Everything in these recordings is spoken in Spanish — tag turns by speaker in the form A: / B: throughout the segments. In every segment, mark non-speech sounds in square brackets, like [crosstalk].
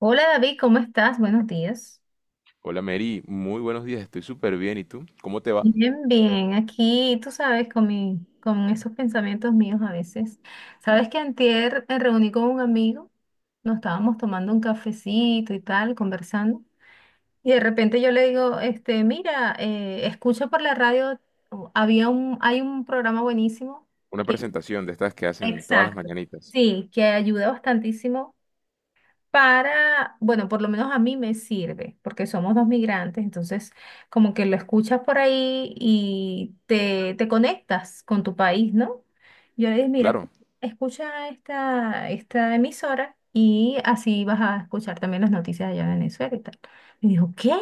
A: Hola David, ¿cómo estás? Buenos días.
B: Hola Mary, muy buenos días, estoy súper bien. ¿Y tú? ¿Cómo te va?
A: Bien, bien. Aquí, tú sabes, con con esos pensamientos míos a veces. Sabes que antier me reuní con un amigo, nos estábamos tomando un cafecito y tal, conversando. Y de repente yo le digo, mira, escucha por la radio, hay un programa buenísimo
B: Una
A: que,
B: presentación de estas que hacen todas las
A: exacto,
B: mañanitas.
A: sí, que ayuda bastantísimo para, bueno, por lo menos a mí me sirve, porque somos dos migrantes, entonces como que lo escuchas por ahí y te conectas con tu país, ¿no? Yo le dije, mira,
B: Claro.
A: escucha esta emisora y así vas a escuchar también las noticias allá en Venezuela y tal. Y dijo, ¿qué?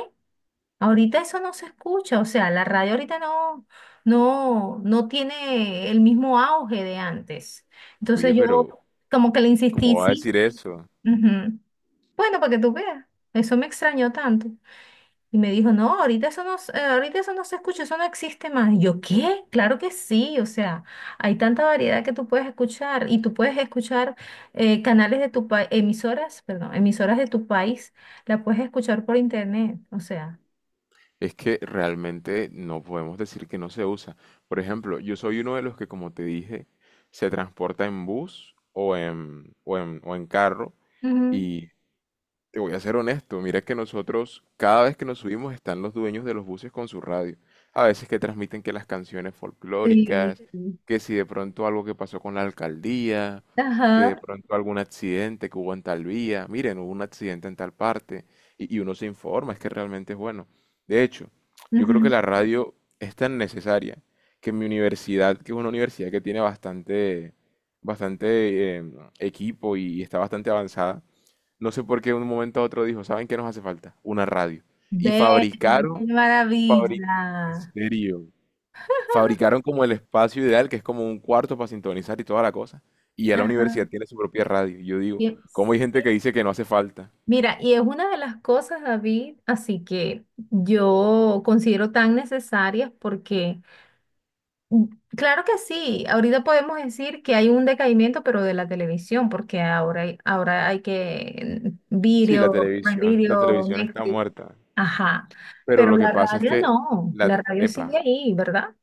A: Ahorita eso no se escucha, o sea, la radio ahorita no tiene el mismo auge de antes.
B: Oye,
A: Entonces yo
B: pero
A: como que le
B: ¿cómo
A: insistí,
B: va a
A: sí.
B: decir eso?
A: Ujú. Bueno, para que tú veas, eso me extrañó tanto. Y me dijo, no, ahorita eso no, ahorita eso no se escucha, eso no existe más. Y yo, ¿qué? Claro que sí, o sea, hay tanta variedad que tú puedes escuchar y tú puedes escuchar canales de tu país, emisoras, perdón, emisoras de tu país, la puedes escuchar por internet, o sea.
B: Es que realmente no podemos decir que no se usa. Por ejemplo, yo soy uno de los que, como te dije, se transporta en bus o en carro
A: Ujú.
B: y te voy a ser honesto, mira que nosotros, cada vez que nos subimos, están los dueños de los buses con su radio. A veces que transmiten que las canciones
A: Sí.
B: folclóricas, que si de pronto algo que pasó con la alcaldía, que de
A: Ajá.
B: pronto algún accidente que hubo en tal vía, miren, hubo un accidente en tal parte, y uno se informa, es que realmente es bueno. De hecho, yo creo que
A: Ujú.
B: la radio es tan necesaria que en mi universidad, que es una universidad que tiene bastante, bastante equipo y está bastante avanzada, no sé por qué de un momento a otro dijo, ¿saben qué nos hace falta? Una radio. Y
A: Ve, qué
B: fabricaron, fabri- en
A: maravilla.
B: serio, fabricaron como el espacio ideal, que es como un cuarto para sintonizar y toda la cosa. Y ya la
A: Ajá.
B: universidad tiene su propia radio. Y yo digo,
A: Y-
B: ¿cómo hay gente que dice que no hace falta?
A: Mira, y es una de las cosas, David, así que yo considero tan necesarias porque, mm, claro que sí, ahorita podemos decir que hay un decaimiento, pero de la televisión, porque ahora hay que
B: Sí,
A: video, Prime
B: la
A: Video,
B: televisión está
A: Netflix,
B: muerta.
A: ajá,
B: Pero
A: pero
B: lo que
A: la
B: pasa es
A: radio
B: que,
A: no, la radio sigue
B: epa,
A: ahí, ¿verdad?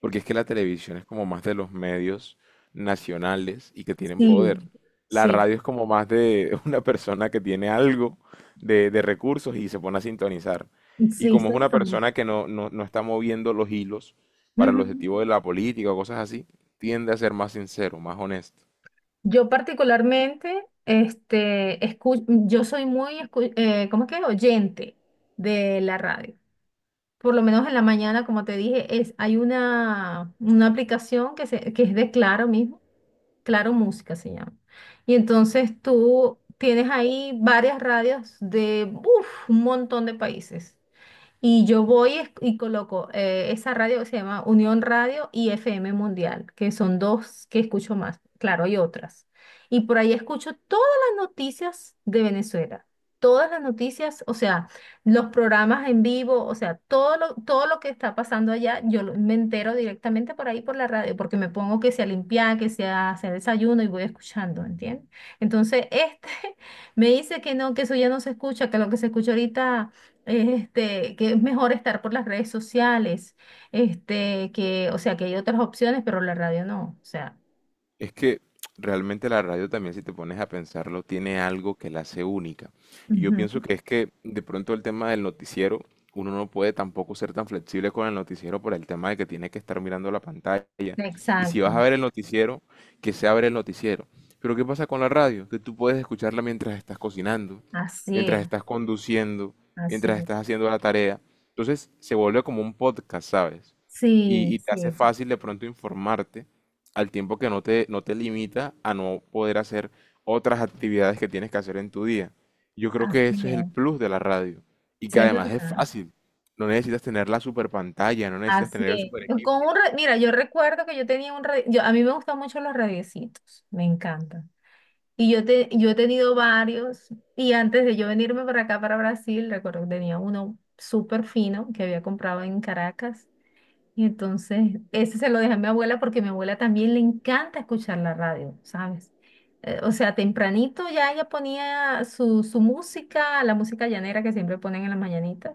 B: porque es que la televisión es como más de los medios nacionales y que tienen
A: Sí,
B: poder. La
A: sí,
B: radio es como más de [laughs] una persona que tiene algo de recursos y se pone a sintonizar. Y
A: sí,
B: como es
A: soy
B: una
A: yo.
B: persona que no está moviendo los hilos para el
A: Ujú.
B: objetivo de la política o cosas así, tiende a ser más sincero, más honesto.
A: Yo particularmente, yo soy muy, ¿cómo es que? Oyente de la radio. Por lo menos en la mañana, como te dije, es, hay una aplicación que, que es de Claro mismo, Claro Música se llama. Y entonces tú tienes ahí varias radios de uf, un montón de países. Y yo y coloco esa radio que se llama Unión Radio y FM Mundial, que son dos que escucho más. Claro, hay otras. Y por ahí escucho todas las noticias de Venezuela. Todas las noticias, o sea, los programas en vivo, o sea, todo lo que está pasando allá, me entero directamente por ahí por la radio, porque me pongo que sea limpiar, que sea hacer desayuno y voy escuchando, ¿entiendes? Entonces, [laughs] me dice que no, que eso ya no se escucha, que lo que se escucha ahorita que es mejor estar por las redes sociales, que, o sea, que hay otras opciones, pero la radio no, o sea,
B: Es que realmente la radio también, si te pones a pensarlo, tiene algo que la hace única. Y yo pienso
A: ujú,
B: que es que de pronto el tema del noticiero, uno no puede tampoco ser tan flexible con el noticiero por el tema de que tiene que estar mirando la pantalla. Y si vas a
A: exacto,
B: ver el noticiero, que sea ver el noticiero. Pero ¿qué pasa con la radio? Que tú puedes escucharla mientras estás cocinando,
A: así
B: mientras
A: es,
B: estás conduciendo,
A: así
B: mientras
A: es.
B: estás haciendo la tarea. Entonces se vuelve como un podcast, ¿sabes? Y,
A: Sí,
B: y te hace
A: sí,
B: fácil de pronto informarte al tiempo que no te limita a no poder hacer otras actividades que tienes que hacer en tu día. Yo creo que
A: así
B: eso es el
A: es,
B: plus de la radio y
A: sí
B: que
A: es
B: además es
A: verdad,
B: fácil. No necesitas tener la super pantalla, no necesitas
A: así
B: tener el super
A: es. Con
B: equipo.
A: un mira, yo recuerdo que yo tenía un radio, yo, a mí me gustan mucho los radiecitos, me encantan. Y yo he tenido varios, y antes de yo venirme para acá, para Brasil, recuerdo que tenía uno súper fino que había comprado en Caracas. Y entonces, ese se lo dejé a mi abuela porque a mi abuela también le encanta escuchar la radio, ¿sabes? O sea, tempranito ya ella ponía su música, la música llanera que siempre ponen en las mañanitas,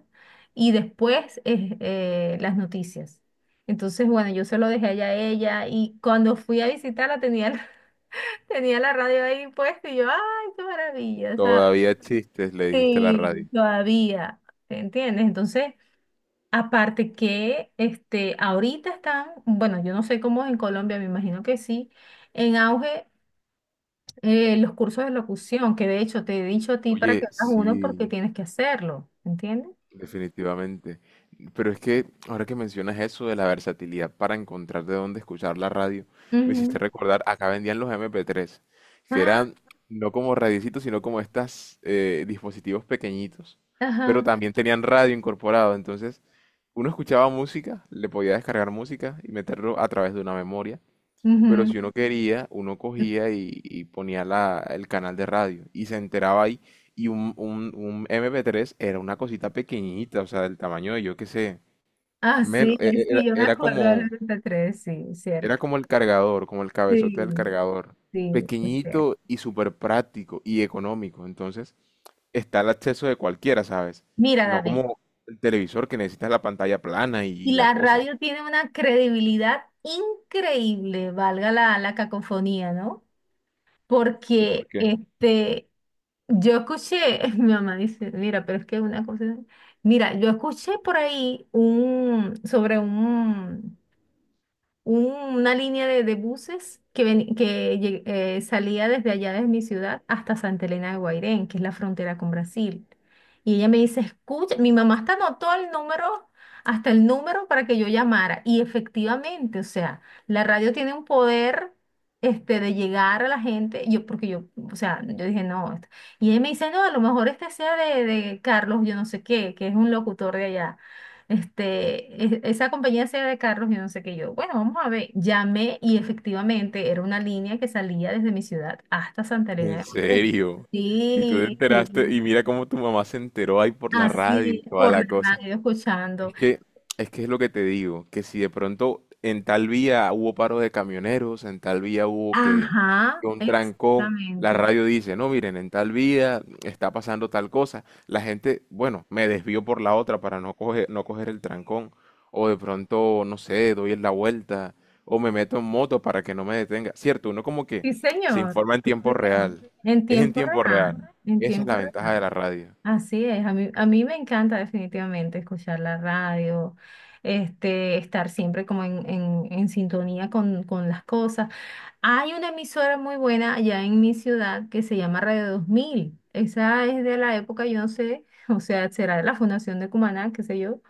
A: y después las noticias. Entonces, bueno, yo se lo dejé allá a ella y cuando fui a visitarla tenía, [laughs] tenía la radio ahí puesta y yo, ¡ay, qué maravilla! ¿Sabes?
B: Todavía existes, le dijiste a la
A: Sí,
B: radio.
A: todavía, ¿te entiendes? Entonces. Aparte que ahorita están, bueno, yo no sé cómo es en Colombia, me imagino que sí, en auge los cursos de locución, que de hecho te he dicho a ti para que
B: Oye,
A: hagas uno porque
B: sí,
A: tienes que hacerlo, ¿entiendes?
B: definitivamente. Pero es que ahora que mencionas eso de la versatilidad para encontrar de dónde escuchar la radio, me hiciste
A: Ujú.
B: recordar, acá vendían los MP3, que
A: Ah,
B: eran no como radiecitos, sino como estos dispositivos pequeñitos, pero
A: ajá.
B: también tenían radio incorporado. Entonces, uno escuchaba música, le podía descargar música y meterlo a través de una memoria, pero
A: Ujú.
B: si uno quería, uno cogía y ponía la, el canal de radio y se enteraba ahí. Y un MP3 era una cosita pequeñita, o sea, del tamaño de yo qué sé.
A: Ah,
B: Menos,
A: sí, sí,
B: era,
A: yo me acuerdo del 93, sí,
B: era
A: cierto.
B: como el cargador, como el cabezote del
A: Sí,
B: cargador.
A: sí, es cierto.
B: Pequeñito y súper práctico y económico. Entonces, está el acceso de cualquiera, ¿sabes?
A: Mira,
B: No
A: David,
B: como el televisor que necesitas la pantalla plana y
A: y
B: la
A: la
B: cosa.
A: radio tiene una credibilidad increíble, valga la cacofonía, ¿no?
B: ¿Y por
A: Porque
B: qué?
A: yo escuché, [laughs] mi mamá dice, mira, pero es que una cosa, mira, yo escuché por ahí sobre un- una línea de buses que, salía desde allá, desde mi ciudad, hasta Santa Elena de Guairén, que es la frontera con Brasil. Y ella me dice, escucha, mi mamá hasta anotó el número, hasta el número para que yo llamara. Y efectivamente, o sea, la radio tiene un poder. De llegar a la gente, o sea, yo dije, no, esto-. Y ella me dice, no, a lo mejor este sea de Carlos, yo no sé qué, que es un locutor de allá esa compañía sea de carros y no sé qué yo. Bueno, vamos a ver. Llamé y efectivamente era una línea que salía desde mi ciudad hasta Santa Elena
B: ¿En
A: de Guardo.
B: serio? Y tú te
A: Sí, sí.
B: enteraste, y mira cómo tu mamá se enteró ahí por la radio
A: Así,
B: y toda
A: por la
B: la cosa.
A: radio escuchando.
B: Es que, es que es lo que te digo, que si de pronto en tal vía hubo paro de camioneros, en tal vía hubo
A: Ajá,
B: que un trancón, la
A: exactamente.
B: radio dice, no, miren, en tal vía está pasando tal cosa, la gente, bueno, me desvío por la otra para no coger el trancón, o de pronto, no sé, doy la vuelta, o me meto en moto para que no me detenga. Cierto, uno como que
A: Sí,
B: se
A: señor,
B: informa en
A: sí,
B: tiempo
A: señor.
B: real,
A: En
B: es en
A: tiempo
B: tiempo real,
A: real, en
B: esa es
A: tiempo
B: la ventaja de
A: real.
B: la radio.
A: Así es, a mí me encanta definitivamente escuchar la radio, estar siempre como en sintonía con las cosas. Hay una emisora muy buena allá en mi ciudad que se llama Radio Dos Mil. Esa es de la época, yo no sé, [laughs] o sea, será de la Fundación de Cumaná, qué sé yo.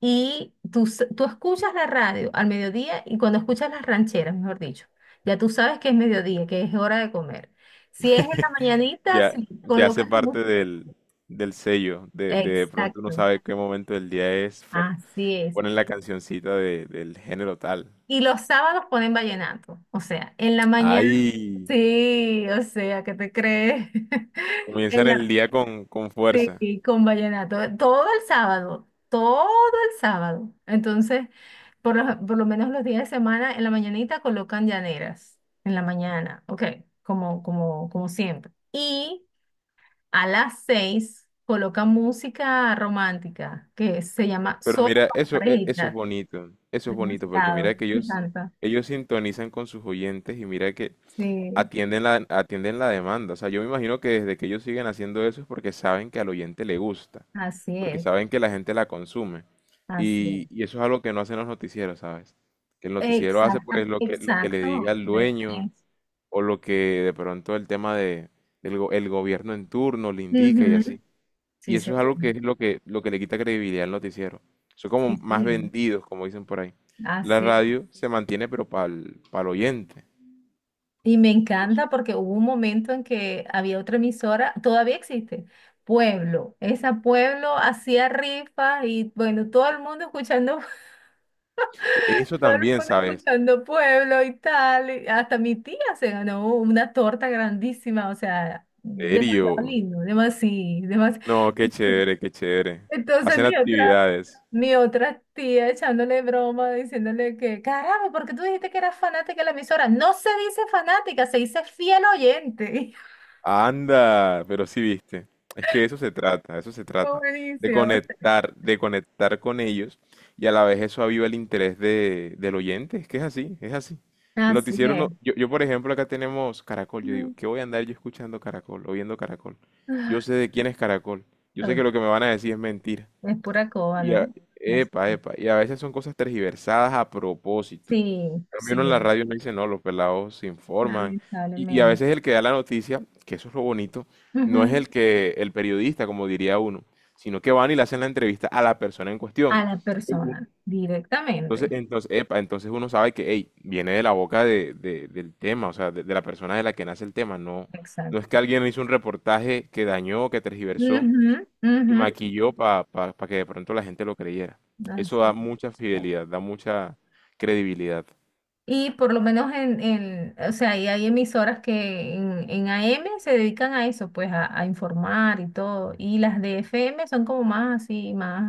A: Y tú escuchas la radio al mediodía y cuando escuchas las rancheras, mejor dicho, ya tú sabes que es mediodía, que es hora de comer. Si es en la mañanita, se
B: Ya, ya hace
A: colocan la
B: parte
A: música.
B: del, del sello. De pronto uno
A: Exacto,
B: sabe qué momento del día es. Por,
A: así es.
B: ponen la cancioncita de- del género tal.
A: Y los sábados ponen vallenato, o sea, en la mañana,
B: Ahí
A: sí, o sea, ¿qué te crees? [laughs] en
B: comienzan el
A: la
B: día con fuerza.
A: sí, con vallenato, todo el sábado, todo el sábado. Entonces, por lo menos los días de semana, en la mañanita colocan llaneras, en la mañana, ok, como siempre. Y a las seis colocan música romántica, que se llama
B: Pero
A: Solo
B: mira,
A: para
B: eso, eso es
A: parejitas.
B: bonito. Eso es bonito porque mira
A: Demasiado,
B: que
A: me
B: ellos,
A: encanta.
B: ellos sintonizan con sus oyentes y mira que
A: Sí,
B: atienden la demanda. O sea, yo me imagino que desde que ellos siguen haciendo eso es porque saben que al oyente le gusta,
A: así
B: porque
A: es,
B: saben que la gente la consume.
A: así
B: Y,
A: es.
B: y eso es algo que no hacen los noticieros, ¿sabes? Que el noticiero hace pues
A: Exacto,
B: lo que le
A: exacto.
B: diga el
A: De
B: dueño
A: Friends.
B: o lo que de pronto el tema de, el gobierno en turno le indica y
A: Ujú,
B: así.
A: sí,
B: Y eso es
A: señor.
B: algo que es lo que le quita credibilidad al noticiero. Son
A: Sí,
B: como más
A: señor.
B: vendidos, como dicen por ahí.
A: Ah,
B: La
A: sí.
B: radio se mantiene, pero para el oyente.
A: Y me encanta porque hubo un momento en que había otra emisora, todavía existe, Pueblo. Esa Pueblo hacía rifas y bueno, todo el mundo escuchando, [laughs]
B: E- Eso
A: todo el
B: también,
A: mundo
B: ¿sabes?
A: escuchando Pueblo y tal. Y hasta mi tía se ganó una torta grandísima, o sea, demasiado
B: Serio?
A: lindo, demasiado, demasiado.
B: No, qué chévere, qué chévere.
A: Entonces
B: Hacen actividades.
A: mi otra tía echándole broma, diciéndole que, caramba, ¿por qué tú dijiste que eras fanática de la emisora? No se dice fanática, se dice fiel oyente. [laughs]
B: Anda, pero sí viste. Es que de eso se trata, de eso se trata.
A: Buenísimo.
B: De conectar con ellos y a la vez eso aviva el interés de, del oyente. Es que es así, es así. El
A: Así
B: noticiero no,
A: es.
B: yo por ejemplo acá tenemos Caracol. Yo digo, ¿qué voy a andar yo escuchando Caracol o viendo Caracol? Yo
A: Ah,
B: sé de quién es Caracol. Yo sé
A: ok.
B: que lo que me van a decir es mentira.
A: Es pura coba,
B: Y
A: ¿no? No sé.
B: epa, epa. Y a veces son cosas tergiversadas a propósito.
A: Sí,
B: Cambio, uno en la
A: sí,
B: radio no dice, no, los pelados se informan. Y a
A: lamentablemente.
B: veces el que da la noticia, que eso es lo bonito, no es
A: Ujú.
B: el que, el periodista, como diría uno, sino que van y le hacen la entrevista a la persona en cuestión.
A: A la
B: U- u-
A: persona,
B: Entonces,
A: directamente.
B: entonces, epa, entonces uno sabe que, hey, viene de la boca de, del tema, o sea, de la persona de la que nace el tema. No, no es que
A: Exacto.
B: alguien hizo un reportaje que dañó, que tergiversó
A: Ujú,
B: y
A: ujú.
B: maquilló para que de pronto la gente lo creyera. Eso
A: Así
B: da
A: es.
B: mucha fidelidad, da mucha credibilidad.
A: Y por lo menos en o sea, y hay emisoras que en AM se dedican a eso, pues a informar y todo. Y las de FM son como más así, más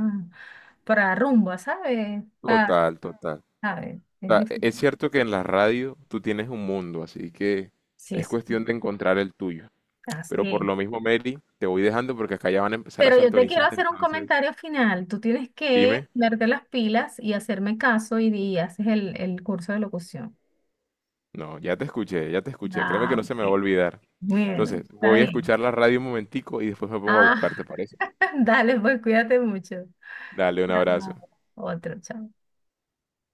A: para rumba, ¿sabes?
B: Total, total.
A: A ver, es
B: Sea, es
A: difícil.
B: cierto que en la radio tú tienes un mundo, así que
A: Sí,
B: es
A: sí,
B: cuestión de encontrar el tuyo.
A: así
B: Pero por
A: es.
B: lo mismo, Mary, te voy dejando porque acá ya van a empezar a
A: Pero yo te quiero
B: sintonizar,
A: hacer un
B: entonces
A: comentario final. Tú tienes que
B: dime.
A: verte las pilas y hacerme caso y haces el curso de locución.
B: No, ya te escuché, ya te escuché. Créeme que
A: Ah,
B: no se me va a
A: ok.
B: olvidar.
A: Bueno,
B: Entonces,
A: está
B: voy a
A: bien.
B: escuchar la radio un momentico y después me pongo a buscar,
A: Ah,
B: ¿te parece?
A: [laughs] dale, pues cuídate mucho.
B: Dale un abrazo.
A: Ah, otro, chao.